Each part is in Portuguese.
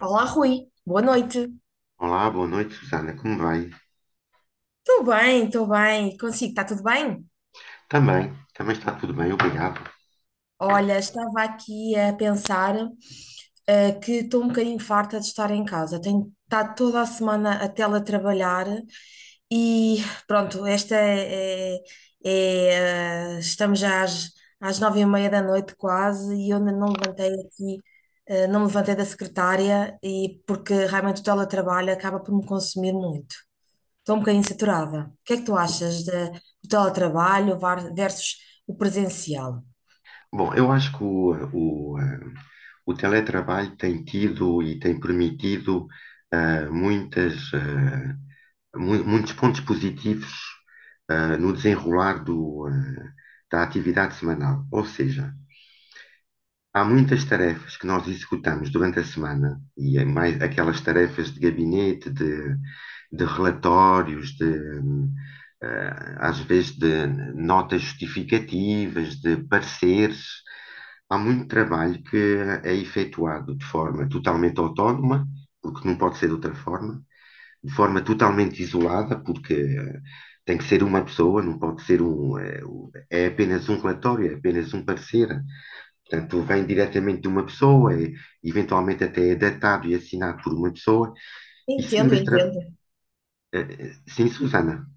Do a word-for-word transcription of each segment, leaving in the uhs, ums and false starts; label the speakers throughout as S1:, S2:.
S1: Olá, Rui. Boa noite.
S2: Olá, boa noite, Susana. Como vai?
S1: Estou bem, estou bem. Consigo, está tudo bem?
S2: Também, também está tudo bem, obrigado.
S1: Olha, estava aqui a pensar, eh, que estou um bocadinho farta de estar em casa. Tenho estado toda a semana a teletrabalhar e pronto, esta é, é- é, eh, estamos já às, às nove e meia da noite quase e eu ainda não levantei aqui, eh, não me levantei da secretária e porque realmente o teletrabalho acaba por me consumir muito. Estou um bocadinho saturada. O que é que tu achas de, do teletrabalho var- versus o presencial?
S2: Bom, eu acho que o, o, eh, o teletrabalho tem tido e tem permitido eh, muitas, eh, mu- muitos pontos positivos eh, no desenrolar do, eh, da atividade semanal. Ou seja, há muitas tarefas que nós executamos durante a semana, e é mais aquelas tarefas de gabinete, de, de relatórios, de, eh, às vezes de notas justificativas, de pareceres. Há muito trabalho que é efetuado de forma totalmente autónoma, porque não pode ser de outra forma, de forma totalmente isolada, porque eh, tem que ser uma pessoa, não pode ser um. eh, um- é apenas um relatório, é apenas um parecer. Portanto, vem diretamente de uma pessoa, é- eventualmente até é datado e assinado por uma pessoa. E sendo
S1: Entendo,
S2: extra...
S1: entendo.
S2: eh, eh, Sim, Susana.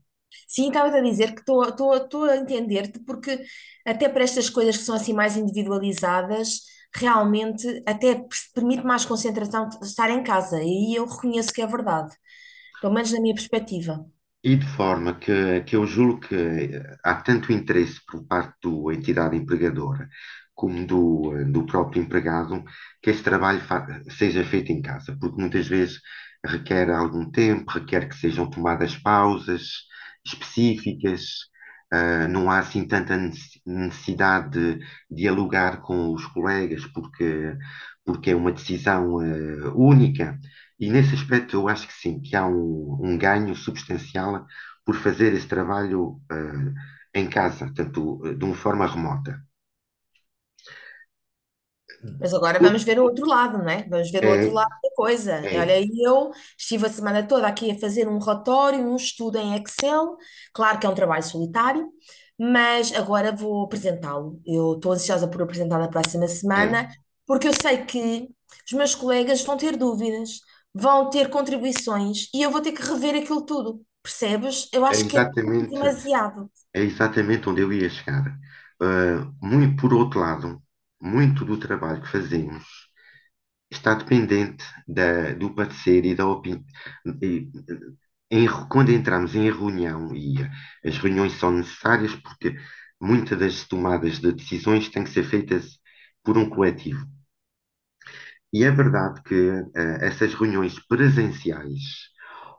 S1: Sim, estava-te a dizer que estou estou- estou a entender-te, porque até para estas coisas que são assim mais individualizadas, realmente até pers- permite mais concentração de estar em casa, e aí eu reconheço que é verdade, pelo menos na minha perspectiva.
S2: E de forma que, que eu julgo que há tanto interesse por parte da entidade empregadora como do, do próprio empregado que esse trabalho fa- seja feito em casa, porque muitas vezes requer algum tempo, requer que sejam tomadas pausas específicas. Ah, não há assim tanta nece- necessidade de dialogar com os colegas, porque, porque é uma decisão, ah, única. E nesse aspecto eu acho que sim, que há um, um ganho substancial por fazer esse trabalho eh, em casa, tanto eh, de uma forma remota.
S1: Mas agora
S2: O-
S1: vamos ver o outro lado, não é? Vamos ver o
S2: É,
S1: outro lado da coisa.
S2: é,
S1: Olha, eu estive a semana toda aqui a fazer um relatório, um estudo em Excel. Claro que é um trabalho solitário, mas agora vou apresentá-lo. Eu estou ansiosa por apresentar na próxima semana,
S2: é,
S1: porque eu sei que os meus colegas vão ter dúvidas, vão ter contribuições e eu vou ter que rever aquilo tudo. Percebes? Eu
S2: é
S1: acho que é tudo
S2: exatamente,
S1: demasiado.
S2: é exatamente onde eu ia chegar. Eh, Muito, por outro lado, muito do trabalho que fazemos está dependente da- do parecer e da opinião em re- quando entramos em reunião, e eh, as reuniões são necessárias porque muitas das tomadas de decisões têm que ser feitas por um coletivo. E é verdade que eh, essas reuniões presenciais,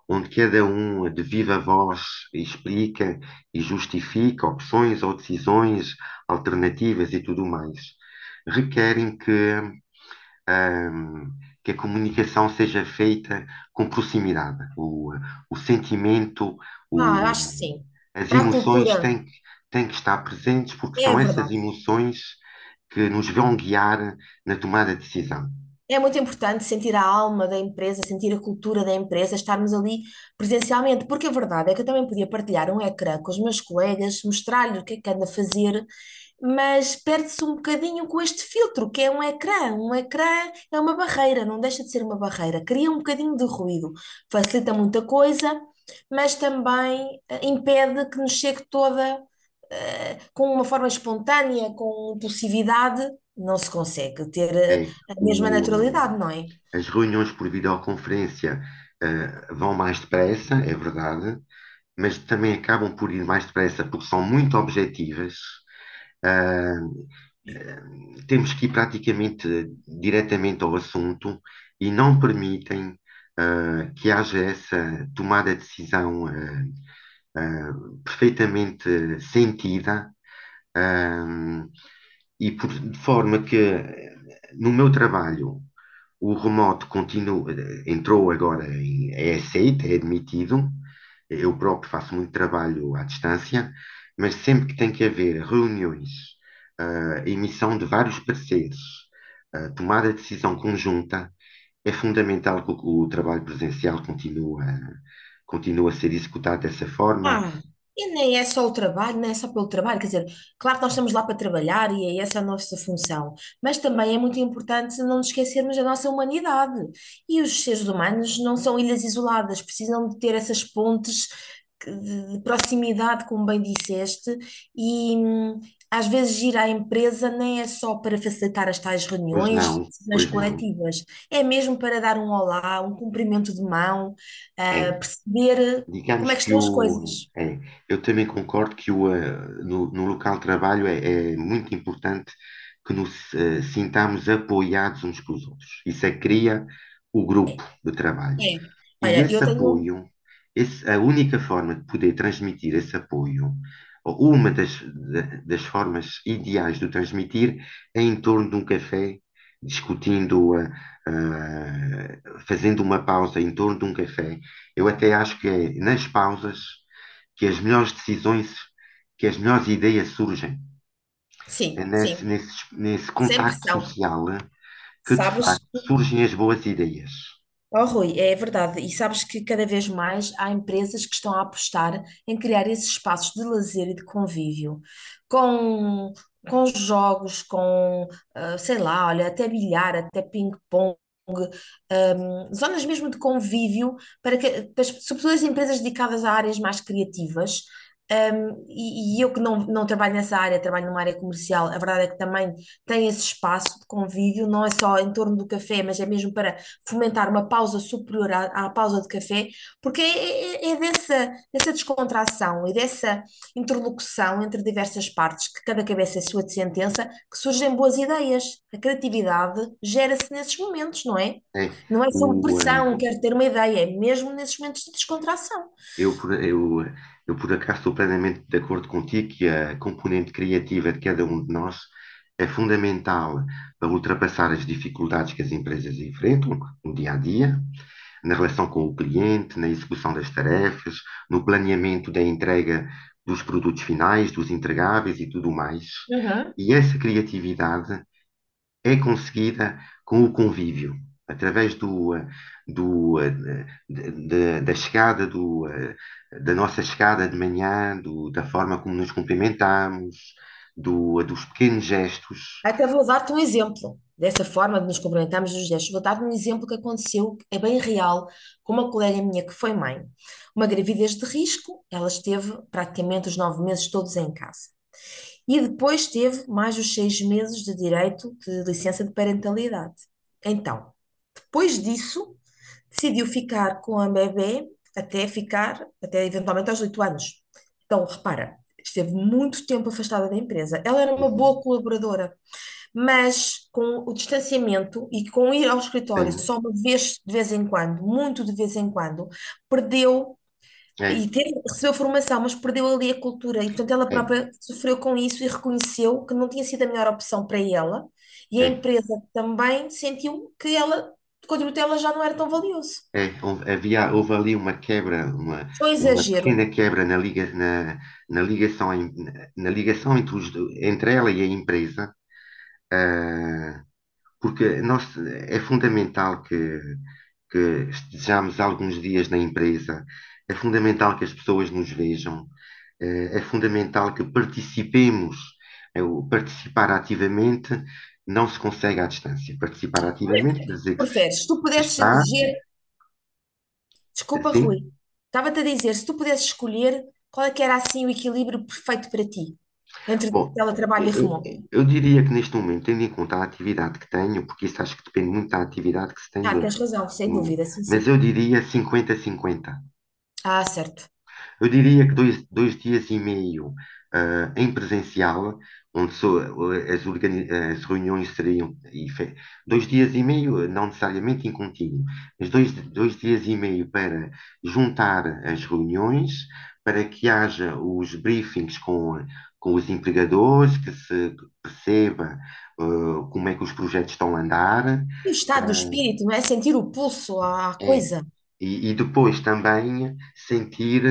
S2: onde cada um de viva voz explica e justifica opções ou decisões alternativas e tudo mais, requerem que ahm, que a comunicação seja feita com proximidade. O, o sentimento,
S1: Ah, eu
S2: o,
S1: acho que sim.
S2: as
S1: Para a
S2: emoções
S1: cultura,
S2: têm, que- têm que estar presentes, porque
S1: é
S2: são essas
S1: verdade.
S2: emoções que nos vão guiar na tomada de decisão.
S1: É muito importante sentir a alma da empresa, sentir a cultura da empresa, estarmos ali presencialmente, porque a verdade é que eu também podia partilhar um ecrã com os meus colegas, mostrar-lhe o que é que ando a fazer, mas perde-se um bocadinho com este filtro, que é um ecrã. Um ecrã é uma barreira, não deixa de ser uma barreira, cria um bocadinho de ruído, facilita muita coisa, mas também eh, impede que nos chegue toda, eh, com uma forma espontânea, com impulsividade, não se consegue ter, eh,
S2: É,
S1: a mesma
S2: o,
S1: naturalidade, não é?
S2: as reuniões por videoconferência, eh, vão mais depressa, é verdade, mas também acabam por ir mais depressa porque são muito objetivas. Ah, Temos que ir praticamente diretamente ao assunto e não permitem ah, que haja essa tomada de decisão ah, ah, perfeitamente sentida. ah, e por, de forma que no meu trabalho o remoto continua, entrou agora em, é aceito, é admitido. Eu próprio faço muito trabalho à distância, mas sempre que tem que haver reuniões, ah, emissão de vários pareceres, ah, tomada de decisão conjunta, é fundamental que o, o trabalho presencial continue, continue a ser executado dessa forma.
S1: Ah, e nem é só o trabalho, nem é só pelo trabalho, quer dizer, claro que nós estamos lá para trabalhar e é essa a nossa função, mas também é muito importante não nos esquecermos da nossa humanidade. E os seres humanos não são ilhas isoladas, precisam de ter essas pontes que- de de proximidade, como bem disseste, e hum, às vezes ir à empresa nem é só para facilitar as tais
S2: Pois
S1: reuniões,
S2: não,
S1: decisões
S2: pois não.
S1: coletivas, é mesmo para dar um olá, um cumprimento de mão, ah,
S2: É.
S1: perceber. Como
S2: Digamos
S1: é que
S2: que
S1: estão as
S2: o.
S1: coisas?
S2: é, eu também concordo que o, eh, no, no local de trabalho é, é muito importante que nos eh, sintamos apoiados uns com os outros. Isso é que cria o grupo de trabalho.
S1: É.
S2: E
S1: Olha, eu
S2: esse
S1: tenho. um,
S2: apoio, esse, a única forma de poder transmitir esse apoio, ou uma das, da- das formas ideais de o transmitir, é em torno de um café, discutindo, eh, eh, fazendo uma pausa em torno de um café. Eu até acho que é nas pausas que as melhores decisões, que as melhores ideias surgem. É
S1: Sim,
S2: nesse,
S1: sim.
S2: nesse, nesse
S1: Sem
S2: contacto
S1: pressão.
S2: social eh, que, de facto,
S1: Sabes?
S2: surgem as boas ideias.
S1: Oh, Rui, é verdade. E sabes que cada vez mais há empresas que estão a apostar em criar esses espaços de lazer e de convívio, com, com jogos, com, ah, sei lá, olha, até bilhar, até ping-pong, ahm, zonas mesmo de convívio, para que, para as- sobretudo as empresas dedicadas a áreas mais criativas. Ahm, e, e eu que não, não trabalho nessa área, trabalho numa área comercial, a verdade é que também tem esse espaço de convívio, não é só em torno do café, mas é mesmo para fomentar uma pausa superior à, à pausa de café, porque é, é- é é dessa, dessa, descontração e dessa interlocução entre diversas partes, que cada cabeça é sua de sentença, que surgem boas ideias. A criatividade gera-se nesses momentos, não é?
S2: É,
S1: Não é sob
S2: o, eh,
S1: pressão, quero ter uma ideia, é mesmo nesses momentos de descontração.
S2: eu, por- eu, eu, por acaso, estou plenamente de acordo contigo que a componente criativa de cada um de nós é fundamental para ultrapassar as dificuldades que as empresas enfrentam no dia a dia na relação com o cliente, na execução das tarefas, no planeamento da entrega dos produtos finais, dos entregáveis e tudo mais.
S1: Uhum.
S2: E essa criatividade é conseguida com o convívio, através do, do, da, da chegada, do, da nossa chegada de manhã, do, da forma como nos cumprimentamos, do, dos pequenos gestos.
S1: Até vou dar-te um exemplo dessa forma de nos cumprimentarmos nos gestos. Vou dar-te um exemplo que aconteceu, que é bem real, com uma colega minha que foi mãe. Uma gravidez de risco, ela esteve praticamente os nove meses todos em casa. E depois teve mais os seis meses de direito de licença de parentalidade. Então, depois disso, decidiu ficar com a bebê até ficar, até eventualmente aos oito anos. Então, repara, esteve muito tempo afastada da empresa. Ela era uma boa
S2: Uhum.
S1: colaboradora, mas com o distanciamento e com ir ao escritório
S2: Sim,
S1: só uma vez de vez em quando, muito de vez em quando, perdeu
S2: é,
S1: e teve, recebeu formação, mas perdeu ali a cultura. E, portanto, ela
S2: é,
S1: própria sofreu com isso e reconheceu que não tinha sido a melhor opção para ela. E a
S2: é.
S1: empresa também sentiu que ela, o contributo dela já não era tão valioso.
S2: É, houve, havia, houve ali uma quebra, uma,
S1: Foi um
S2: uma
S1: exagero.
S2: pequena quebra na, liga, na, na ligação, em- na, na ligação entre, os do- entre ela e a empresa, ah, porque nós, é fundamental que, que estejamos alguns dias na empresa, é fundamental que as pessoas nos vejam, eh, é fundamental que participemos. Eh, o participar ativamente não se consegue à distância. Participar
S1: Como é que- O
S2: ativamente
S1: que
S2: quer
S1: é que
S2: dizer
S1: tu
S2: que se,
S1: preferes? Se tu
S2: que se
S1: pudesses
S2: está,
S1: eleger. Desculpa, Rui.
S2: sim.
S1: Estava-te a dizer, se tu pudesses escolher, qual é que era assim o equilíbrio perfeito para ti entre
S2: Bom,
S1: teletrabalho e
S2: eu,
S1: remoto?
S2: eu diria que neste momento, tendo em conta a atividade que tenho, porque isso acho que depende muito da atividade que se tem,
S1: Ah,
S2: no,
S1: tens razão, sem
S2: no-
S1: dúvida, sim,
S2: mas
S1: sim.
S2: eu diria 50 cinquenta.
S1: Ah, certo.
S2: Eu diria que dois, dois dias e meio ah, em presencial, onde só, eh, as, organi- as reuniões seriam. e fe- Dois dias e meio, eh, não necessariamente em contínuo, mas dois, dois dias e meio para juntar as reuniões, para que haja os briefings com, com os empregadores, que se perceba, eh, como é que os projetos estão a andar.
S1: E o estado do
S2: Eh,
S1: espírito, não é? Sentir o pulso à à
S2: é,
S1: coisa.
S2: e, e depois também sentir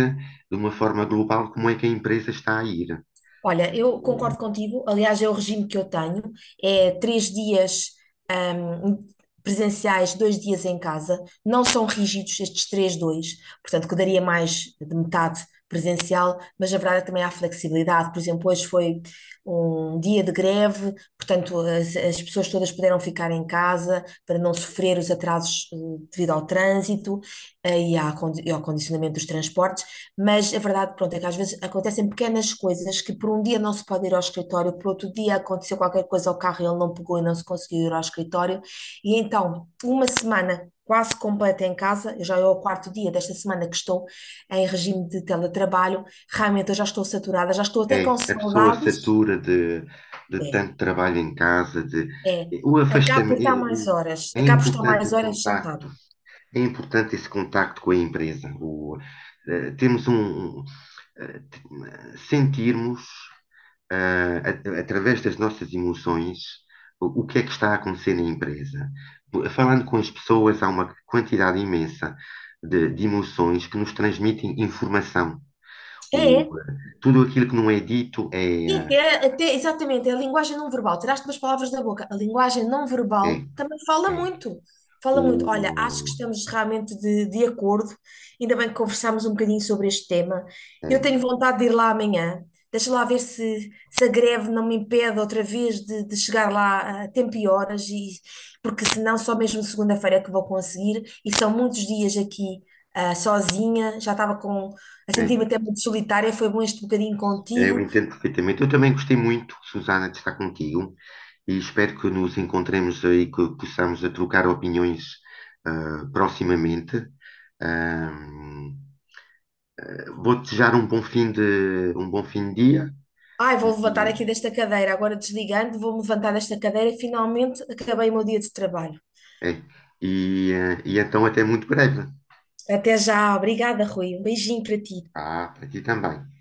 S2: de uma forma global como é que a empresa está a ir.
S1: Olha, eu concordo contigo. Aliás, é o regime que eu tenho. É três dias, ahm, presenciais, dois dias em casa. Não são rígidos estes três, dois. Portanto, que daria mais de metade presencial, mas na verdade também há flexibilidade. Por exemplo, hoje foi um dia de greve, portanto, as, as pessoas todas puderam ficar em casa para não sofrer os atrasos, eh, devido ao trânsito, eh, e à condi- e ao condicionamento dos transportes. Mas a verdade, pronto, é que às vezes acontecem pequenas coisas que por um dia não se pode ir ao escritório, por outro dia aconteceu qualquer coisa ao carro e ele não pegou e não se conseguiu ir ao escritório. E então, uma semana quase completa em casa, eu já é o quarto dia desta semana que estou em regime de teletrabalho, realmente eu já estou saturada, já estou até
S2: É,
S1: com
S2: a pessoa
S1: saudades.
S2: satura de, de
S1: É,
S2: tanto trabalho em casa, de,
S1: é.
S2: o
S1: Acabo por
S2: afastamento. É,
S1: estar mais
S2: o-
S1: horas,
S2: é
S1: acabo por estar
S2: importante
S1: mais
S2: o
S1: horas
S2: contacto,
S1: sentada.
S2: é importante esse contacto com a empresa. O, eh, temos um, um, eh, t- eh, sentirmos ah, a- através das nossas emoções, o, o que é que está a acontecer na empresa. Falando com as pessoas, há uma quantidade imensa de, de emoções que nos transmitem informação.
S1: É,
S2: O,
S1: é.
S2: ah, Tudo aquilo que não é dito é,
S1: E
S2: ah,
S1: até, até, exatamente, é a linguagem não verbal. Tiraste umas palavras da boca. A linguagem não verbal
S2: é,
S1: também fala
S2: é.
S1: muito. Fala muito.
S2: O,
S1: Olha, acho que estamos realmente de, de acordo. Ainda bem que conversámos um bocadinho sobre este tema.
S2: ah,
S1: Eu
S2: É,
S1: tenho vontade de ir lá amanhã. Deixa lá ver se, se a greve não me impede outra vez de, de chegar lá a tempo e horas, e, porque senão só mesmo segunda-feira é que vou conseguir. E são muitos dias aqui, ah, sozinha, já estava com, a
S2: é.
S1: sentir-me até muito solitária. Foi bom este bocadinho
S2: Eu
S1: contigo.
S2: entendo perfeitamente. Eu também gostei muito, Susana, de estar contigo e espero que nos encontremos aí, que possamos a trocar opiniões ah, proximamente. Ah, Vou desejar um bom fim de, um bom fim de dia
S1: Ai, vou levantar
S2: e,
S1: aqui desta cadeira, agora desligando, vou-me levantar desta cadeira e finalmente acabei o meu dia de trabalho.
S2: é, e, eh, e então até muito breve.
S1: Até já, obrigada, Rui. Um beijinho para ti.
S2: Ah, para ti também.